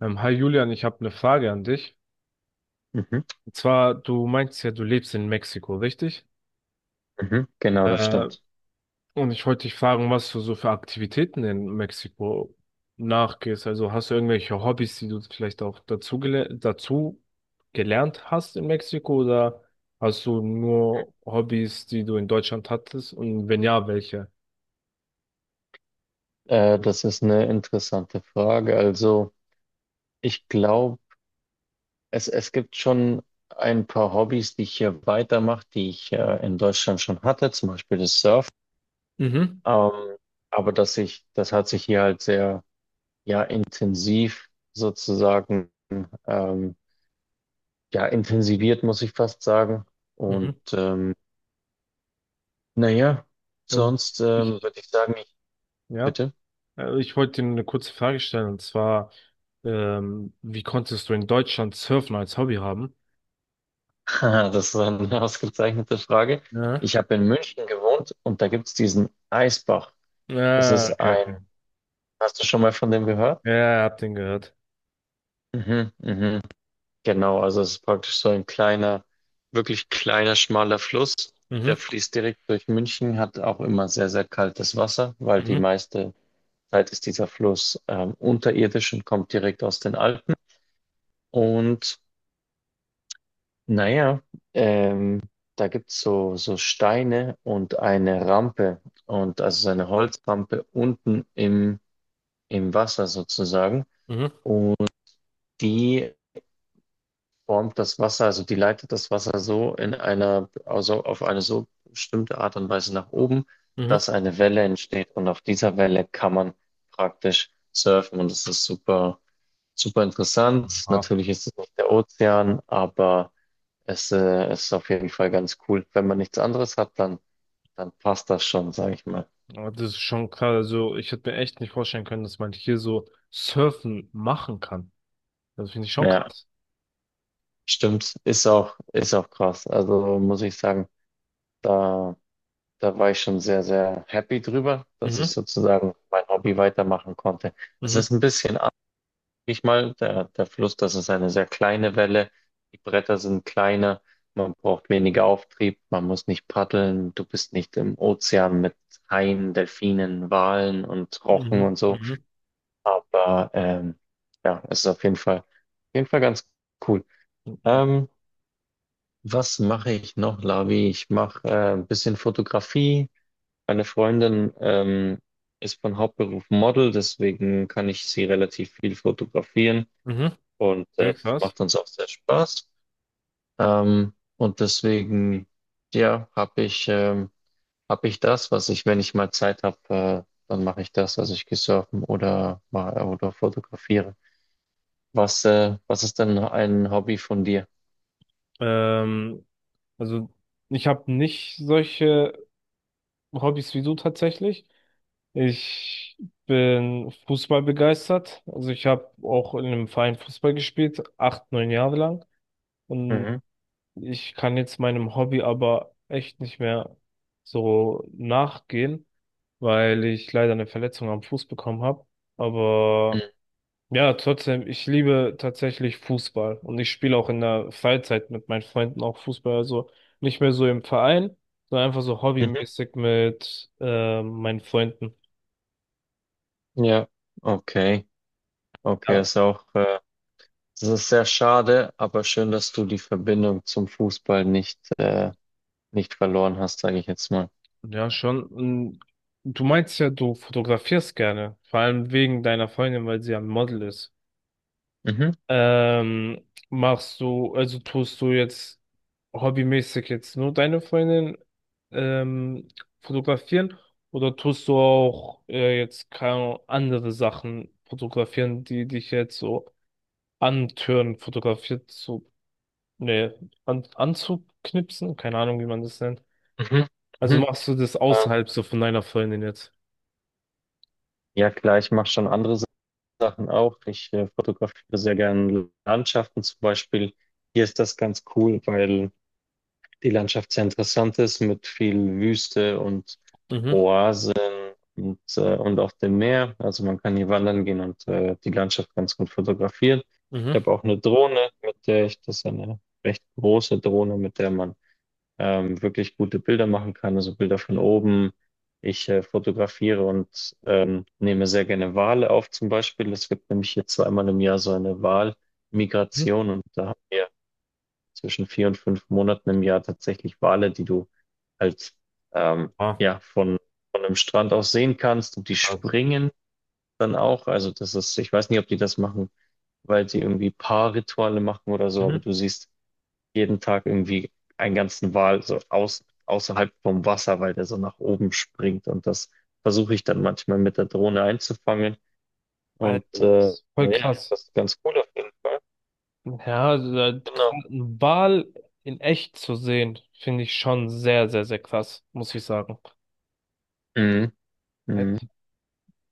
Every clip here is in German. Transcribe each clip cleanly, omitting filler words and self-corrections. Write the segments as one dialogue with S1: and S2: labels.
S1: Hi Julian, ich habe eine Frage an dich.
S2: Mhm.
S1: Und zwar, du meinst ja, du lebst in Mexiko, richtig?
S2: Mhm. Genau, das
S1: Äh,
S2: stimmt.
S1: und ich wollte dich fragen, was du so für Aktivitäten in Mexiko nachgehst. Also hast du irgendwelche Hobbys, die du vielleicht auch dazu, gele dazu gelernt hast in Mexiko oder hast du nur Hobbys, die du in Deutschland hattest? Und wenn ja, welche?
S2: Das ist eine interessante Frage. Also, ich glaube, es gibt schon ein paar Hobbys, die ich hier weitermache, die ich in Deutschland schon hatte, zum Beispiel das Surfen.
S1: Mhm.
S2: Ähm, aber das hat sich hier halt sehr, ja, intensiv sozusagen, ähm, ja, intensiviert, muss ich fast sagen.
S1: Mhm.
S2: Und naja,
S1: Ja,
S2: sonst
S1: Ich,
S2: würde ich sagen, ich,
S1: ja.
S2: bitte.
S1: Ich wollte dir eine kurze Frage stellen, und zwar, wie konntest du in Deutschland Surfen als Hobby haben?
S2: Haha, das ist eine ausgezeichnete Frage.
S1: Ja.
S2: Ich habe in München gewohnt und da gibt es diesen Eisbach. Das ist
S1: Ja, okay,
S2: ein,
S1: okay.
S2: Hast du schon mal von dem gehört?
S1: Ja, ja, ja, hab den gehört.
S2: Mhm, mhm. Genau, also es ist praktisch so ein kleiner, wirklich kleiner, schmaler Fluss.
S1: Mhm,
S2: Der fließt direkt durch München, hat auch immer sehr, sehr kaltes Wasser, weil die
S1: mhm,
S2: meiste Zeit ist dieser Fluss unterirdisch und kommt direkt aus den Alpen. Und naja, ähm, da gibt's so Steine und eine Rampe und also so eine Holzrampe unten im Wasser sozusagen.
S1: mhm,
S2: Und die formt das Wasser, also die leitet das Wasser so also auf eine so bestimmte Art und Weise nach oben,
S1: mhm.
S2: dass eine Welle entsteht und auf dieser Welle kann man praktisch surfen und das ist super, super interessant.
S1: Ah,
S2: Natürlich ist es nicht der Ozean, aber es ist auf jeden Fall ganz cool. Wenn man nichts anderes hat, dann passt das schon, sage ich mal.
S1: aber das ist schon krass. Also, ich hätte mir echt nicht vorstellen können, dass man hier so Surfen machen kann. Das finde ich schon
S2: Ja,
S1: krass.
S2: stimmt, ist auch krass. Also muss ich sagen, da da war ich schon sehr, sehr happy drüber, dass ich
S1: Mhm,
S2: sozusagen mein Hobby weitermachen konnte. Es
S1: mhm,
S2: ist ein bisschen anders, sag ich mal, der Fluss, das ist eine sehr kleine Welle, die Bretter sind kleiner, man braucht weniger Auftrieb, man muss nicht paddeln, du bist nicht im Ozean mit Haien, Delfinen, Walen und Rochen
S1: mhm,
S2: und so,
S1: mhm,
S2: aber ja, es ist auf jeden Fall ganz cool.
S1: mhm,
S2: Ähm, was mache ich noch, Lavi? Ich mache ein bisschen Fotografie, meine Freundin ist von Hauptberuf Model, deswegen kann ich sie relativ viel fotografieren
S1: mhm.
S2: und
S1: Sehr
S2: das
S1: krass.
S2: macht uns auch sehr Spaß. Und deswegen, ja, hab ich das, was ich, wenn ich mal Zeit habe, dann mache ich das, also ich gehe surfen oder fotografiere. Was ist denn ein Hobby von dir?
S1: Ähm, also, ich habe nicht solche Hobbys wie du tatsächlich. Ich bin Fußball begeistert. Also ich habe auch in einem Verein Fußball gespielt, acht, neun Jahre lang. Und
S2: Mhm.
S1: ich kann jetzt meinem Hobby aber echt nicht mehr so nachgehen, weil ich leider eine Verletzung am Fuß bekommen habe. Aber ja, trotzdem, ich liebe tatsächlich Fußball. Und ich spiele auch in der Freizeit mit meinen Freunden auch Fußball. Also nicht mehr so im Verein, sondern einfach so
S2: Mhm.
S1: hobbymäßig mit meinen Freunden.
S2: Ja, okay. Okay,
S1: Ja.
S2: ist auch. Das ist sehr schade, aber schön, dass du die Verbindung zum Fußball nicht verloren hast, sage ich jetzt mal.
S1: Ja, schon. Und du meinst ja, du fotografierst gerne, vor allem wegen deiner Freundin, weil sie ja ein Model ist.
S2: Mhm,
S1: Ähm, machst du, also tust du jetzt hobbymäßig jetzt nur deine Freundin ähm, fotografieren oder tust du auch jetzt keine Ahnung, andere Sachen fotografieren, die dich jetzt so antören, fotografiert zu, ne, anzuknipsen? Keine Ahnung, wie man das nennt.
S2: mhm,
S1: Also
S2: mhm.
S1: machst du das
S2: Ähm,
S1: außerhalb so von deiner Freundin jetzt?
S2: Ja, klar, ich mache schon andere Sachen auch. Ich fotografiere sehr gerne Landschaften zum Beispiel. Hier ist das ganz cool, weil die Landschaft sehr interessant ist mit viel Wüste und
S1: Mhm.
S2: Oasen und auf dem Meer. Also man kann hier wandern gehen und die Landschaft ganz gut fotografieren. Ich
S1: Mhm.
S2: habe auch eine Drohne, das ist eine recht große Drohne, mit der man wirklich gute Bilder machen kann, also Bilder von oben. Ich fotografiere und nehme sehr gerne Wale auf zum Beispiel. Es gibt nämlich hier zweimal im Jahr so eine
S1: Mhm.
S2: Walmigration und da haben wir zwischen 4 und 5 Monaten im Jahr tatsächlich Wale, die du halt ähm,
S1: Ah,
S2: ja von einem Strand aus sehen kannst und die
S1: krass.
S2: springen dann auch. Also das ist, ich weiß nicht, ob die das machen, weil sie irgendwie Paarrituale machen oder so, aber
S1: Mhm.
S2: du siehst jeden Tag irgendwie einen ganzen Wal so außerhalb vom Wasser, weil der so nach oben springt und das versuche ich dann manchmal mit der Drohne einzufangen
S1: Alter,
S2: und
S1: das ist voll
S2: ja,
S1: krass.
S2: das ist ganz cool auf jeden Fall.
S1: Ja, also, krass,
S2: Genau.
S1: einen Wal in echt zu sehen, finde ich schon sehr, sehr, sehr krass, muss ich sagen.
S2: Mhm. Mhm.
S1: Echt?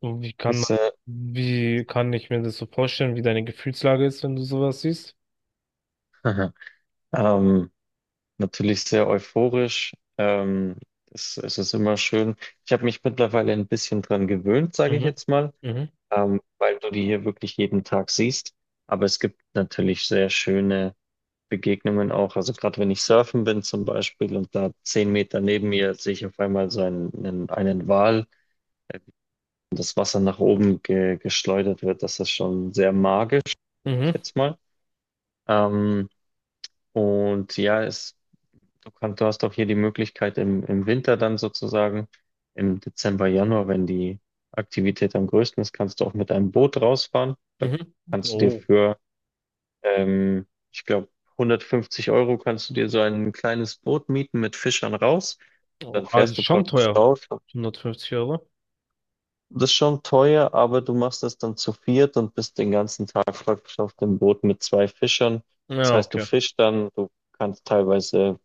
S1: Und wie kann
S2: Ist,
S1: man,
S2: äh,
S1: wie kann ich mir das so vorstellen, wie deine Gefühlslage ist, wenn du sowas siehst?
S2: ähm, natürlich sehr euphorisch. Es ist immer schön. Ich habe mich mittlerweile ein bisschen dran gewöhnt, sage ich
S1: Mhm.
S2: jetzt mal,
S1: Mhm.
S2: weil du die hier wirklich jeden Tag siehst. Aber es gibt natürlich sehr schöne Begegnungen auch. Also gerade wenn ich surfen bin zum Beispiel und da 10 Meter neben mir sehe ich auf einmal so einen Wal, äh, wie das Wasser nach oben geschleudert wird. Das ist schon sehr magisch, sag ich
S1: Mhm.
S2: jetzt mal. Ähm, und ja, du hast auch hier die Möglichkeit im Winter dann sozusagen, im Dezember, Januar, wenn die Aktivität am größten ist, kannst du auch mit einem Boot rausfahren. Da
S1: Mhm.
S2: kannst du dir
S1: Oh,
S2: für, ähm, ich glaube, 150 € kannst du dir so ein kleines Boot mieten mit Fischern raus. Und
S1: oh,
S2: dann
S1: also
S2: fährst du
S1: schon
S2: praktisch
S1: teuer.
S2: raus.
S1: 150 Euro?
S2: Das ist schon teuer, aber du machst das dann zu viert und bist den ganzen Tag praktisch auf dem Boot mit zwei Fischern. Das
S1: Ja,
S2: heißt, du
S1: okay.
S2: fischst dann, du kannst teilweise.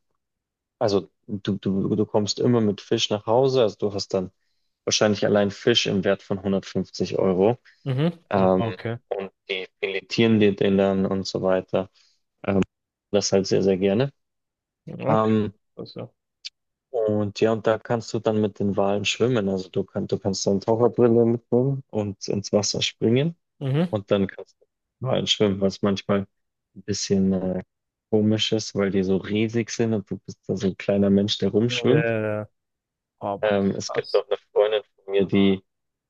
S2: Also du kommst immer mit Fisch nach Hause, also du hast dann wahrscheinlich allein Fisch im Wert von 150 Euro.
S1: Mhm.
S2: Ähm,
S1: Okay,
S2: und die filetieren dir den dann und so weiter. Das halt sehr, sehr gerne.
S1: okay.
S2: Ähm,
S1: Also
S2: und ja, und da kannst du dann mit den Walen schwimmen. Also du kannst dann Taucherbrille mitnehmen und ins Wasser springen.
S1: mhm.
S2: Und dann kannst du mit den Walen schwimmen, was manchmal ein bisschen komisch ist, weil die so riesig sind und du bist da so ein kleiner Mensch, der
S1: Ja, ja,
S2: rumschwimmt.
S1: ja. Aber
S2: Es gibt
S1: krass.
S2: auch eine Freundin von mir, die,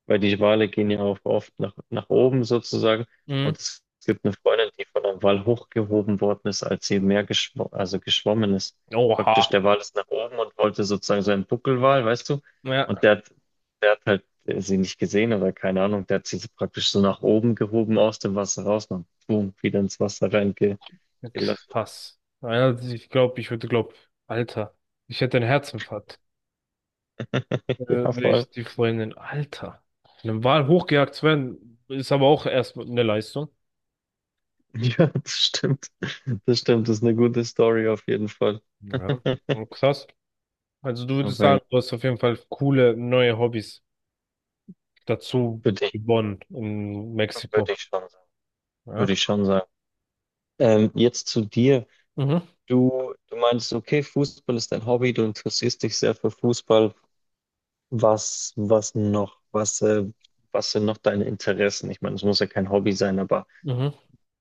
S2: weil die Wale gehen ja auch oft nach oben sozusagen.
S1: Mhm.
S2: Und es gibt eine Freundin, die von einem Wal hochgehoben worden ist, als sie im Meer geschw also geschwommen ist.
S1: Oha.
S2: Praktisch der Wal ist nach oben und wollte sozusagen so einen Buckelwal, weißt du? Und
S1: Ja,
S2: der hat halt sie nicht gesehen oder keine Ahnung, der hat sie so praktisch so nach oben gehoben aus dem Wasser raus und boom, wieder ins Wasser reingelassen.
S1: krass. Ja, ich glaube, ich würde glauben, Alter, ich hätte einen Herzinfarkt,
S2: Ja,
S1: wenn
S2: voll.
S1: ich die Freundin, Alter, von einem Wal hochgejagt zu werden, ist aber auch erstmal eine Leistung.
S2: Ja, das stimmt. Das stimmt, das ist eine gute Story auf jeden Fall.
S1: Ja. Und krass. Also du würdest
S2: Aber ja,
S1: sagen, du hast auf jeden Fall coole neue Hobbys dazu
S2: würde ich,
S1: gewonnen in
S2: würde
S1: Mexiko.
S2: ich schon sagen.
S1: Ja.
S2: Würde ich schon sagen. Jetzt zu dir.
S1: Mhm.
S2: Du meinst, okay, Fußball ist dein Hobby, du interessierst dich sehr für Fußball. Was noch? Was sind noch deine Interessen? Ich meine, es muss ja kein Hobby sein, aber
S1: Mhm.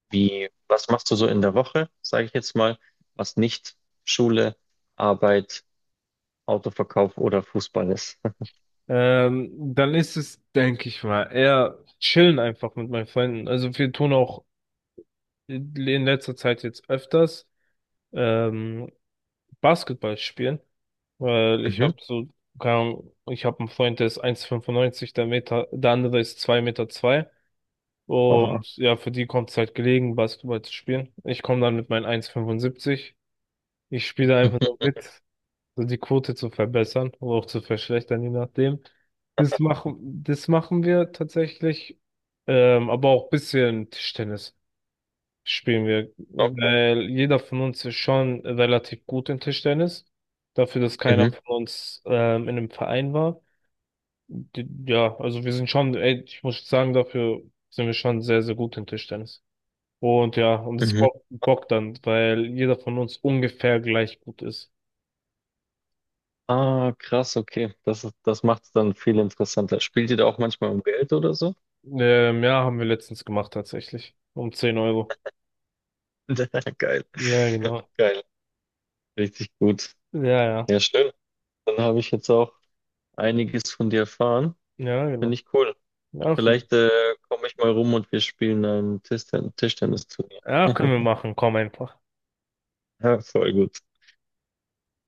S2: was machst du so in der Woche, sage ich jetzt mal, was nicht Schule, Arbeit, Autoverkauf oder Fußball ist?
S1: Dann ist es, denke ich mal, eher chillen einfach mit meinen Freunden. Also wir tun auch in letzter Zeit jetzt öfters ähm, Basketball spielen, weil ich
S2: Mhm.
S1: habe so, keine Ahnung, ich habe einen Freund, der ist 1,95 der Meter, der andere ist 2,2 Meter zwei
S2: Oha.
S1: und ja, für die kommt es halt gelegen, Basketball zu spielen. Ich komme dann mit meinen 1,75. Ich spiele einfach nur mit, so die Quote zu verbessern oder auch zu verschlechtern, je nachdem. Das machen, das machen wir tatsächlich, aber auch bisschen Tischtennis spielen wir, weil jeder von uns ist schon relativ gut in Tischtennis. Dafür, dass keiner
S2: Mhm.
S1: von uns in einem Verein war. D- Ja, also wir sind schon, ey, ich muss sagen, dafür sind wir schon sehr, sehr gut in Tischtennis. Und ja, und es
S2: Mhm.
S1: bockt dann, weil jeder von uns ungefähr gleich gut ist.
S2: Ah, krass, okay. Das macht es dann viel interessanter. Spielt ihr da auch manchmal um Geld oder so?
S1: Ja, haben wir letztens gemacht tatsächlich. Um 10 Euro.
S2: Geil.
S1: Ja, genau.
S2: Geil. Richtig gut.
S1: Ja, ja.
S2: Ja, schön. Dann habe ich jetzt auch einiges von dir erfahren.
S1: Ja,
S2: Finde
S1: genau.
S2: ich cool.
S1: Ja, f-
S2: Vielleicht komme ich mal rum und wir spielen ein Tischtennisturnier.
S1: ja, können wir machen. Komm einfach.
S2: Ja, voll gut.